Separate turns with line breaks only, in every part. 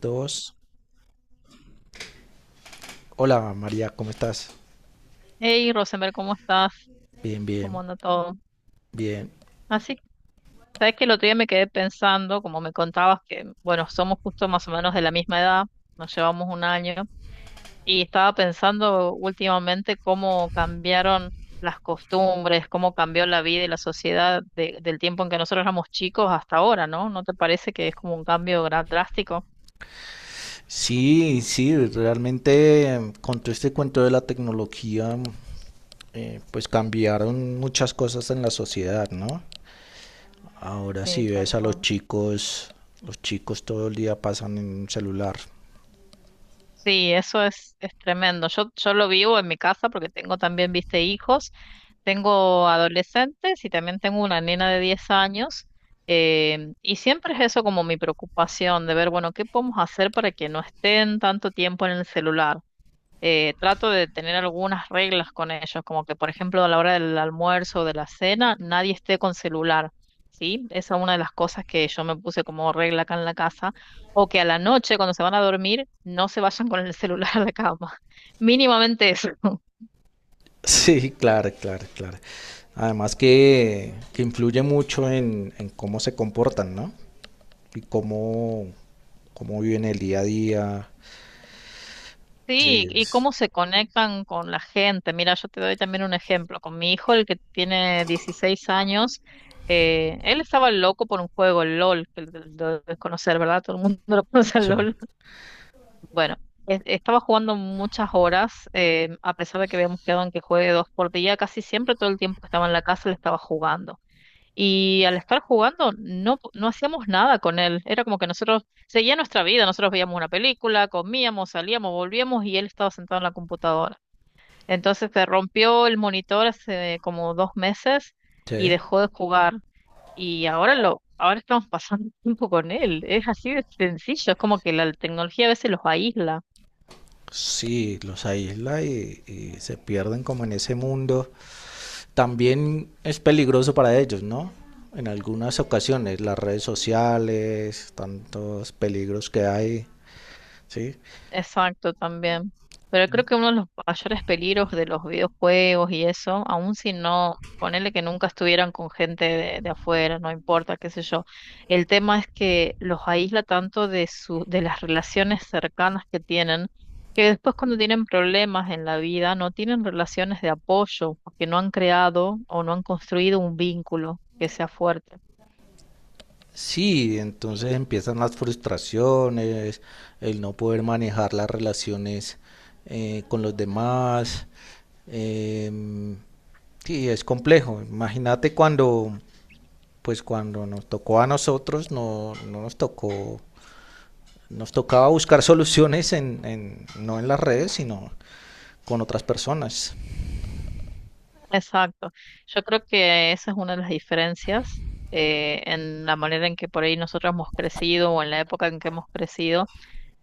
Dos. Hola María, ¿cómo estás?
Hey, Rosenberg, ¿cómo estás?
Bien,
¿Cómo
bien,
anda todo?
bien.
Así, sabes que el otro día me quedé pensando, como me contabas, que bueno, somos justo más o menos de la misma edad, nos llevamos un año, y estaba pensando últimamente cómo cambiaron las costumbres, cómo cambió la vida y la sociedad del tiempo en que nosotros éramos chicos hasta ahora, ¿no? ¿No te parece que es como un cambio drástico?
Sí, sí, realmente con todo este cuento de la tecnología, pues cambiaron muchas cosas en la sociedad, ¿no? Ahora si
Sí,
ves
tal
a
cual.
los chicos todo el día pasan en un celular.
Sí, eso es tremendo. Yo lo vivo en mi casa porque tengo también, viste, hijos, tengo adolescentes y también tengo una nena de 10 años. Y siempre es eso como mi preocupación de ver, bueno, ¿qué podemos hacer para que no estén tanto tiempo en el celular? Trato de tener algunas reglas con ellos, como que, por ejemplo, a la hora del almuerzo o de la cena, nadie esté con celular, ¿sí? Esa es una de las cosas que yo me puse como regla acá en la casa, o que a la noche, cuando se van a dormir, no se vayan con el celular a la cama. Mínimamente eso.
Sí, claro, claro, claro. Además que influye mucho en cómo se comportan, ¿no? Y cómo, cómo viven el día a día. Sí,
Sí, y cómo se conectan con la gente. Mira, yo te doy también un ejemplo. Con mi hijo, el que tiene 16 años, él estaba loco por un juego, el LOL, que lo debes conocer, ¿verdad? Todo el mundo lo conoce al
sí.
LOL. Bueno, estaba jugando muchas horas, a pesar de que habíamos quedado en que juegue dos por día, casi siempre todo el tiempo que estaba en la casa le estaba jugando. Y al estar jugando no, no hacíamos nada con él, era como que nosotros seguía nuestra vida, nosotros veíamos una película, comíamos, salíamos, volvíamos y él estaba sentado en la computadora. Entonces se rompió el monitor hace como 2 meses y
Sí,
dejó de jugar. Y ahora lo, ahora estamos pasando tiempo con él. Es así de sencillo, es como que la tecnología a veces los aísla.
sí, los aísla y se pierden como en ese mundo. También es peligroso para ellos, ¿no? En algunas ocasiones, las redes sociales, tantos peligros que hay, ¿sí?
Exacto, también. Pero creo que uno de los mayores peligros de los videojuegos y eso, aun si no, ponele que nunca estuvieran con gente de afuera, no importa, qué sé yo. El tema es que los aísla tanto de su, de las relaciones cercanas que tienen, que después cuando tienen problemas en la vida, no tienen relaciones de apoyo, porque no han creado o no han construido un vínculo que sea fuerte.
Sí, entonces empiezan las frustraciones, el no poder manejar las relaciones con los demás. em, sí, es complejo. Pues cuando nos tocó a nosotros, no, no nos tocó. Nos tocaba buscar soluciones no en las redes, sino con otras personas.
Exacto. Yo creo que esa es una de las diferencias en la manera en que por ahí nosotros hemos crecido o en la época en que hemos crecido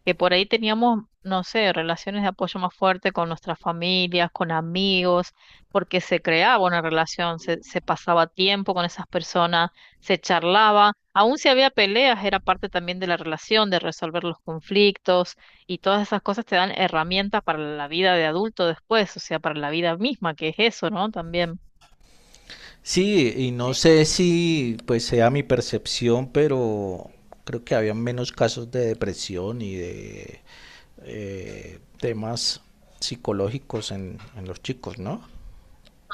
que por ahí teníamos, no sé, relaciones de apoyo más fuerte con nuestras familias, con amigos, porque se creaba una relación, se pasaba tiempo con esas personas, se charlaba, aun si había peleas, era parte también de la relación, de resolver los conflictos y todas esas cosas te dan herramientas para la vida de adulto después, o sea, para la vida misma, que es eso, ¿no? También.
Sí, y no sé si pues sea mi percepción, pero creo que había menos casos de depresión y de temas psicológicos en los chicos, ¿no?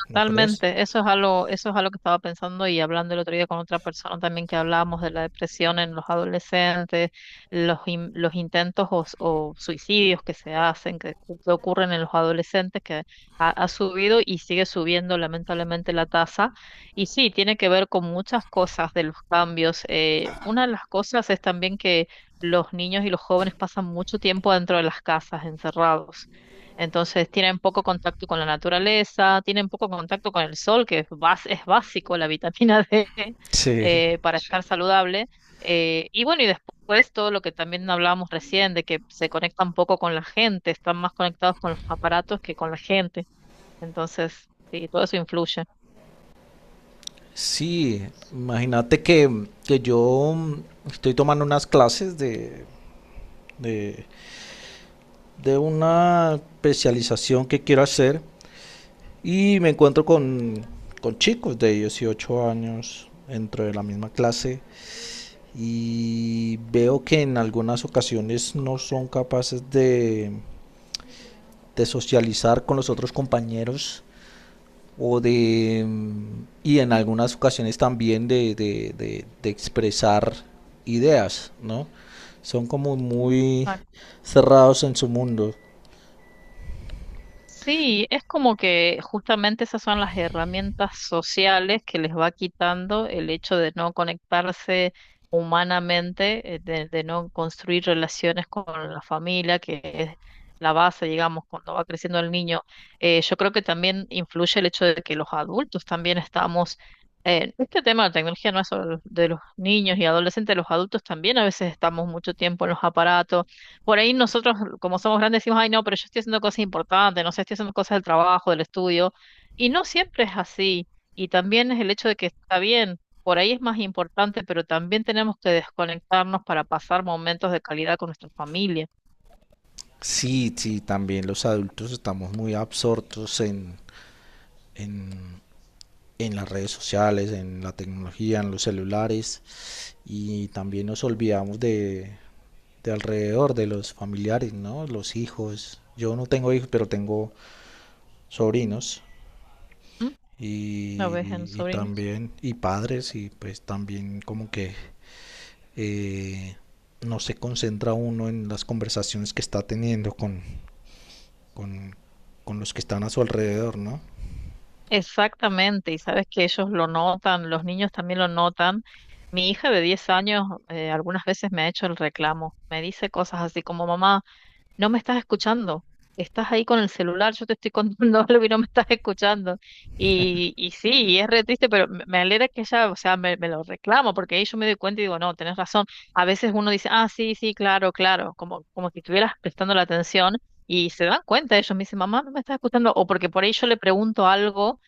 ¿No crees?
Totalmente, eso es algo que estaba pensando y hablando el otro día con otra persona también que hablábamos de la depresión en los adolescentes, los, los intentos o, o suicidios que se hacen, que, que ocurren en los adolescentes, que ha subido y sigue subiendo lamentablemente la tasa. Y sí, tiene que ver con muchas cosas de los cambios. Una de las cosas es también que los niños y los jóvenes pasan mucho tiempo dentro de las casas, encerrados. Entonces tienen poco contacto con la naturaleza, tienen poco contacto con el sol, que es, es básico la vitamina D
Sí.
para estar saludable. Y bueno, y después todo lo que también hablábamos recién, de que se conectan poco con la gente, están más conectados con los aparatos que con la gente. Entonces, sí, todo eso influye.
Sí, imagínate que yo estoy tomando unas clases de, de una especialización que quiero hacer. Y me encuentro con chicos de 18 años dentro de la misma clase y veo que en algunas ocasiones no son capaces de socializar con los otros compañeros o de y en algunas ocasiones también de expresar ideas, ¿no? Son como muy cerrados en su mundo.
Sí, es como que justamente esas son las herramientas sociales que les va quitando el hecho de no conectarse humanamente, de, no construir relaciones con la familia, que es la base, digamos, cuando va creciendo el niño. Yo creo que también influye el hecho de que los adultos también estamos, este tema de la tecnología no es solo de los niños y adolescentes, los adultos también a veces estamos mucho tiempo en los aparatos por ahí nosotros, como somos grandes, decimos, ay, no, pero yo estoy haciendo cosas importantes, no sé, estoy haciendo cosas del trabajo, del estudio, y no siempre es así. Y también es el hecho de que está bien, por ahí es más importante, pero también tenemos que desconectarnos para pasar momentos de calidad con nuestra familia.
Sí, sí, también los adultos estamos muy absortos en, en las redes sociales, en la tecnología, en los celulares y también nos olvidamos de alrededor, de los familiares, ¿no? Los hijos. Yo no tengo hijos, pero tengo sobrinos
¿Mm? ¿Lo ves en
y
sobrinos?
también y padres y pues también como que eh, no se concentra uno en las conversaciones que está teniendo con, con los que están a su alrededor, ¿no?
Exactamente, y sabes que ellos lo notan, los niños también lo notan. Mi hija de 10 años algunas veces me ha hecho el reclamo, me dice cosas así como, mamá, no me estás escuchando. Estás ahí con el celular, yo te estoy contando algo y no me estás escuchando. Y sí, y es re triste, pero me alegra que ella, o sea, me lo reclamo, porque ahí yo me doy cuenta y digo, no, tenés razón. A veces uno dice, ah, sí, sí, claro, claro, como si estuvieras prestando la atención y se dan cuenta ellos, me dicen, mamá, no me estás escuchando, o porque por ahí yo le pregunto algo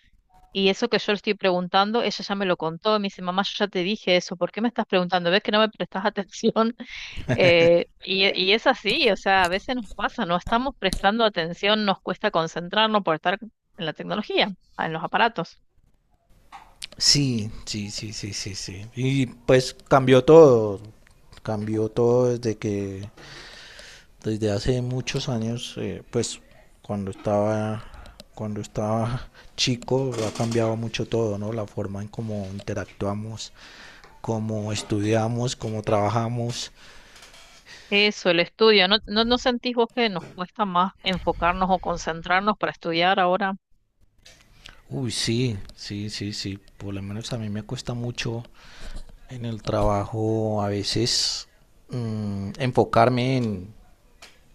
y eso que yo le estoy preguntando, ella ya me lo contó, y me dice, mamá, yo ya te dije eso, ¿por qué me estás preguntando? ¿Ves que no me prestas atención? Y es así, o sea, a veces nos pasa, no estamos prestando atención, nos cuesta concentrarnos por estar en la tecnología, ah, en los aparatos.
Sí, sí, sí, sí, sí, sí. Y pues cambió todo desde que, desde hace muchos años, pues cuando estaba, cuando estaba chico ha cambiado mucho todo, ¿no? La forma en cómo interactuamos, cómo estudiamos, cómo trabajamos.
Eso, el estudio. ¿No, no, no sentís vos que nos cuesta más enfocarnos o concentrarnos para estudiar ahora?
Uy, sí, sí, sí, sí. Por lo menos a mí me cuesta mucho en el trabajo a veces enfocarme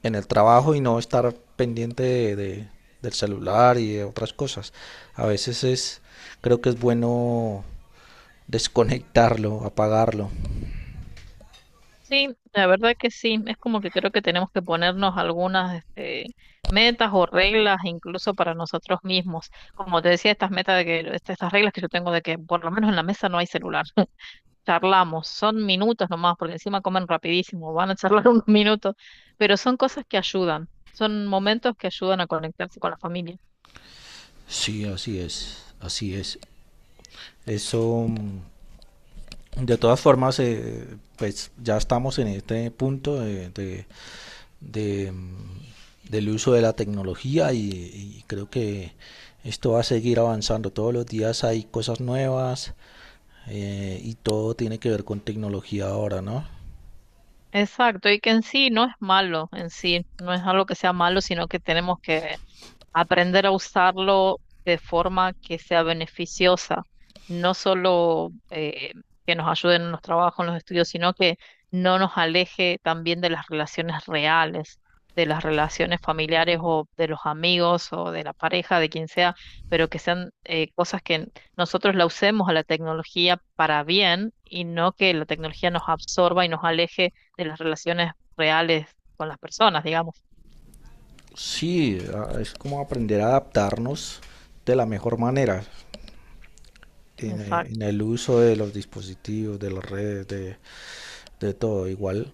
en el trabajo y no estar pendiente del celular y de otras cosas. A veces es, creo que es bueno desconectarlo, apagarlo.
Sí, la verdad que sí. Es como que creo que tenemos que ponernos algunas este, metas o reglas incluso para nosotros mismos. Como te decía, estas metas de que, estas reglas que yo tengo de que por lo menos en la mesa no hay celular. Charlamos, son minutos nomás, porque encima comen rapidísimo, van a charlar unos minutos, pero son cosas que ayudan, son momentos que ayudan a conectarse con la familia.
Sí, así es, así es. Eso, de todas formas, pues ya estamos en este punto de, mm, del uso de la tecnología y creo que esto va a seguir avanzando. Todos los días hay cosas nuevas, y todo tiene que ver con tecnología ahora, ¿no?
Exacto, y que en sí no es malo, en sí, no es algo que sea malo, sino que tenemos que aprender a usarlo de forma que sea beneficiosa, no solo que nos ayude en los trabajos, en los estudios, sino que no nos aleje también de las relaciones reales, de las relaciones familiares o de los amigos o de la pareja, de quien sea, pero que sean cosas que nosotros la usemos a la tecnología para bien y no que la tecnología nos absorba y nos aleje de las relaciones reales con las personas, digamos.
Sí, es como aprender a adaptarnos de la mejor manera
Exacto.
en el uso de los dispositivos, de las redes, de todo igual.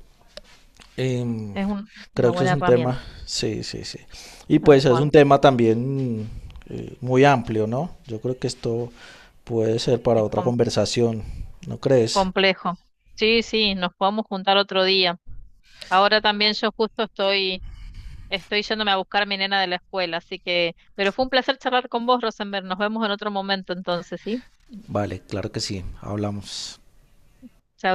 em,
Es
Creo
una
que eso es
buena
un
herramienta.
tema, sí, sí, sí. Y
Tal
pues es un
cual.
tema también muy amplio, ¿no? Yo creo que esto puede ser para
Es
otra conversación, ¿no crees?
complejo. Sí, sí, nos podemos juntar otro día. Ahora también yo justo estoy yéndome a buscar a mi nena de la escuela, así que, pero fue un placer charlar con vos, Rosenberg. Nos vemos en otro momento entonces, ¿sí?
Vale, claro que sí, hablamos.
Chao.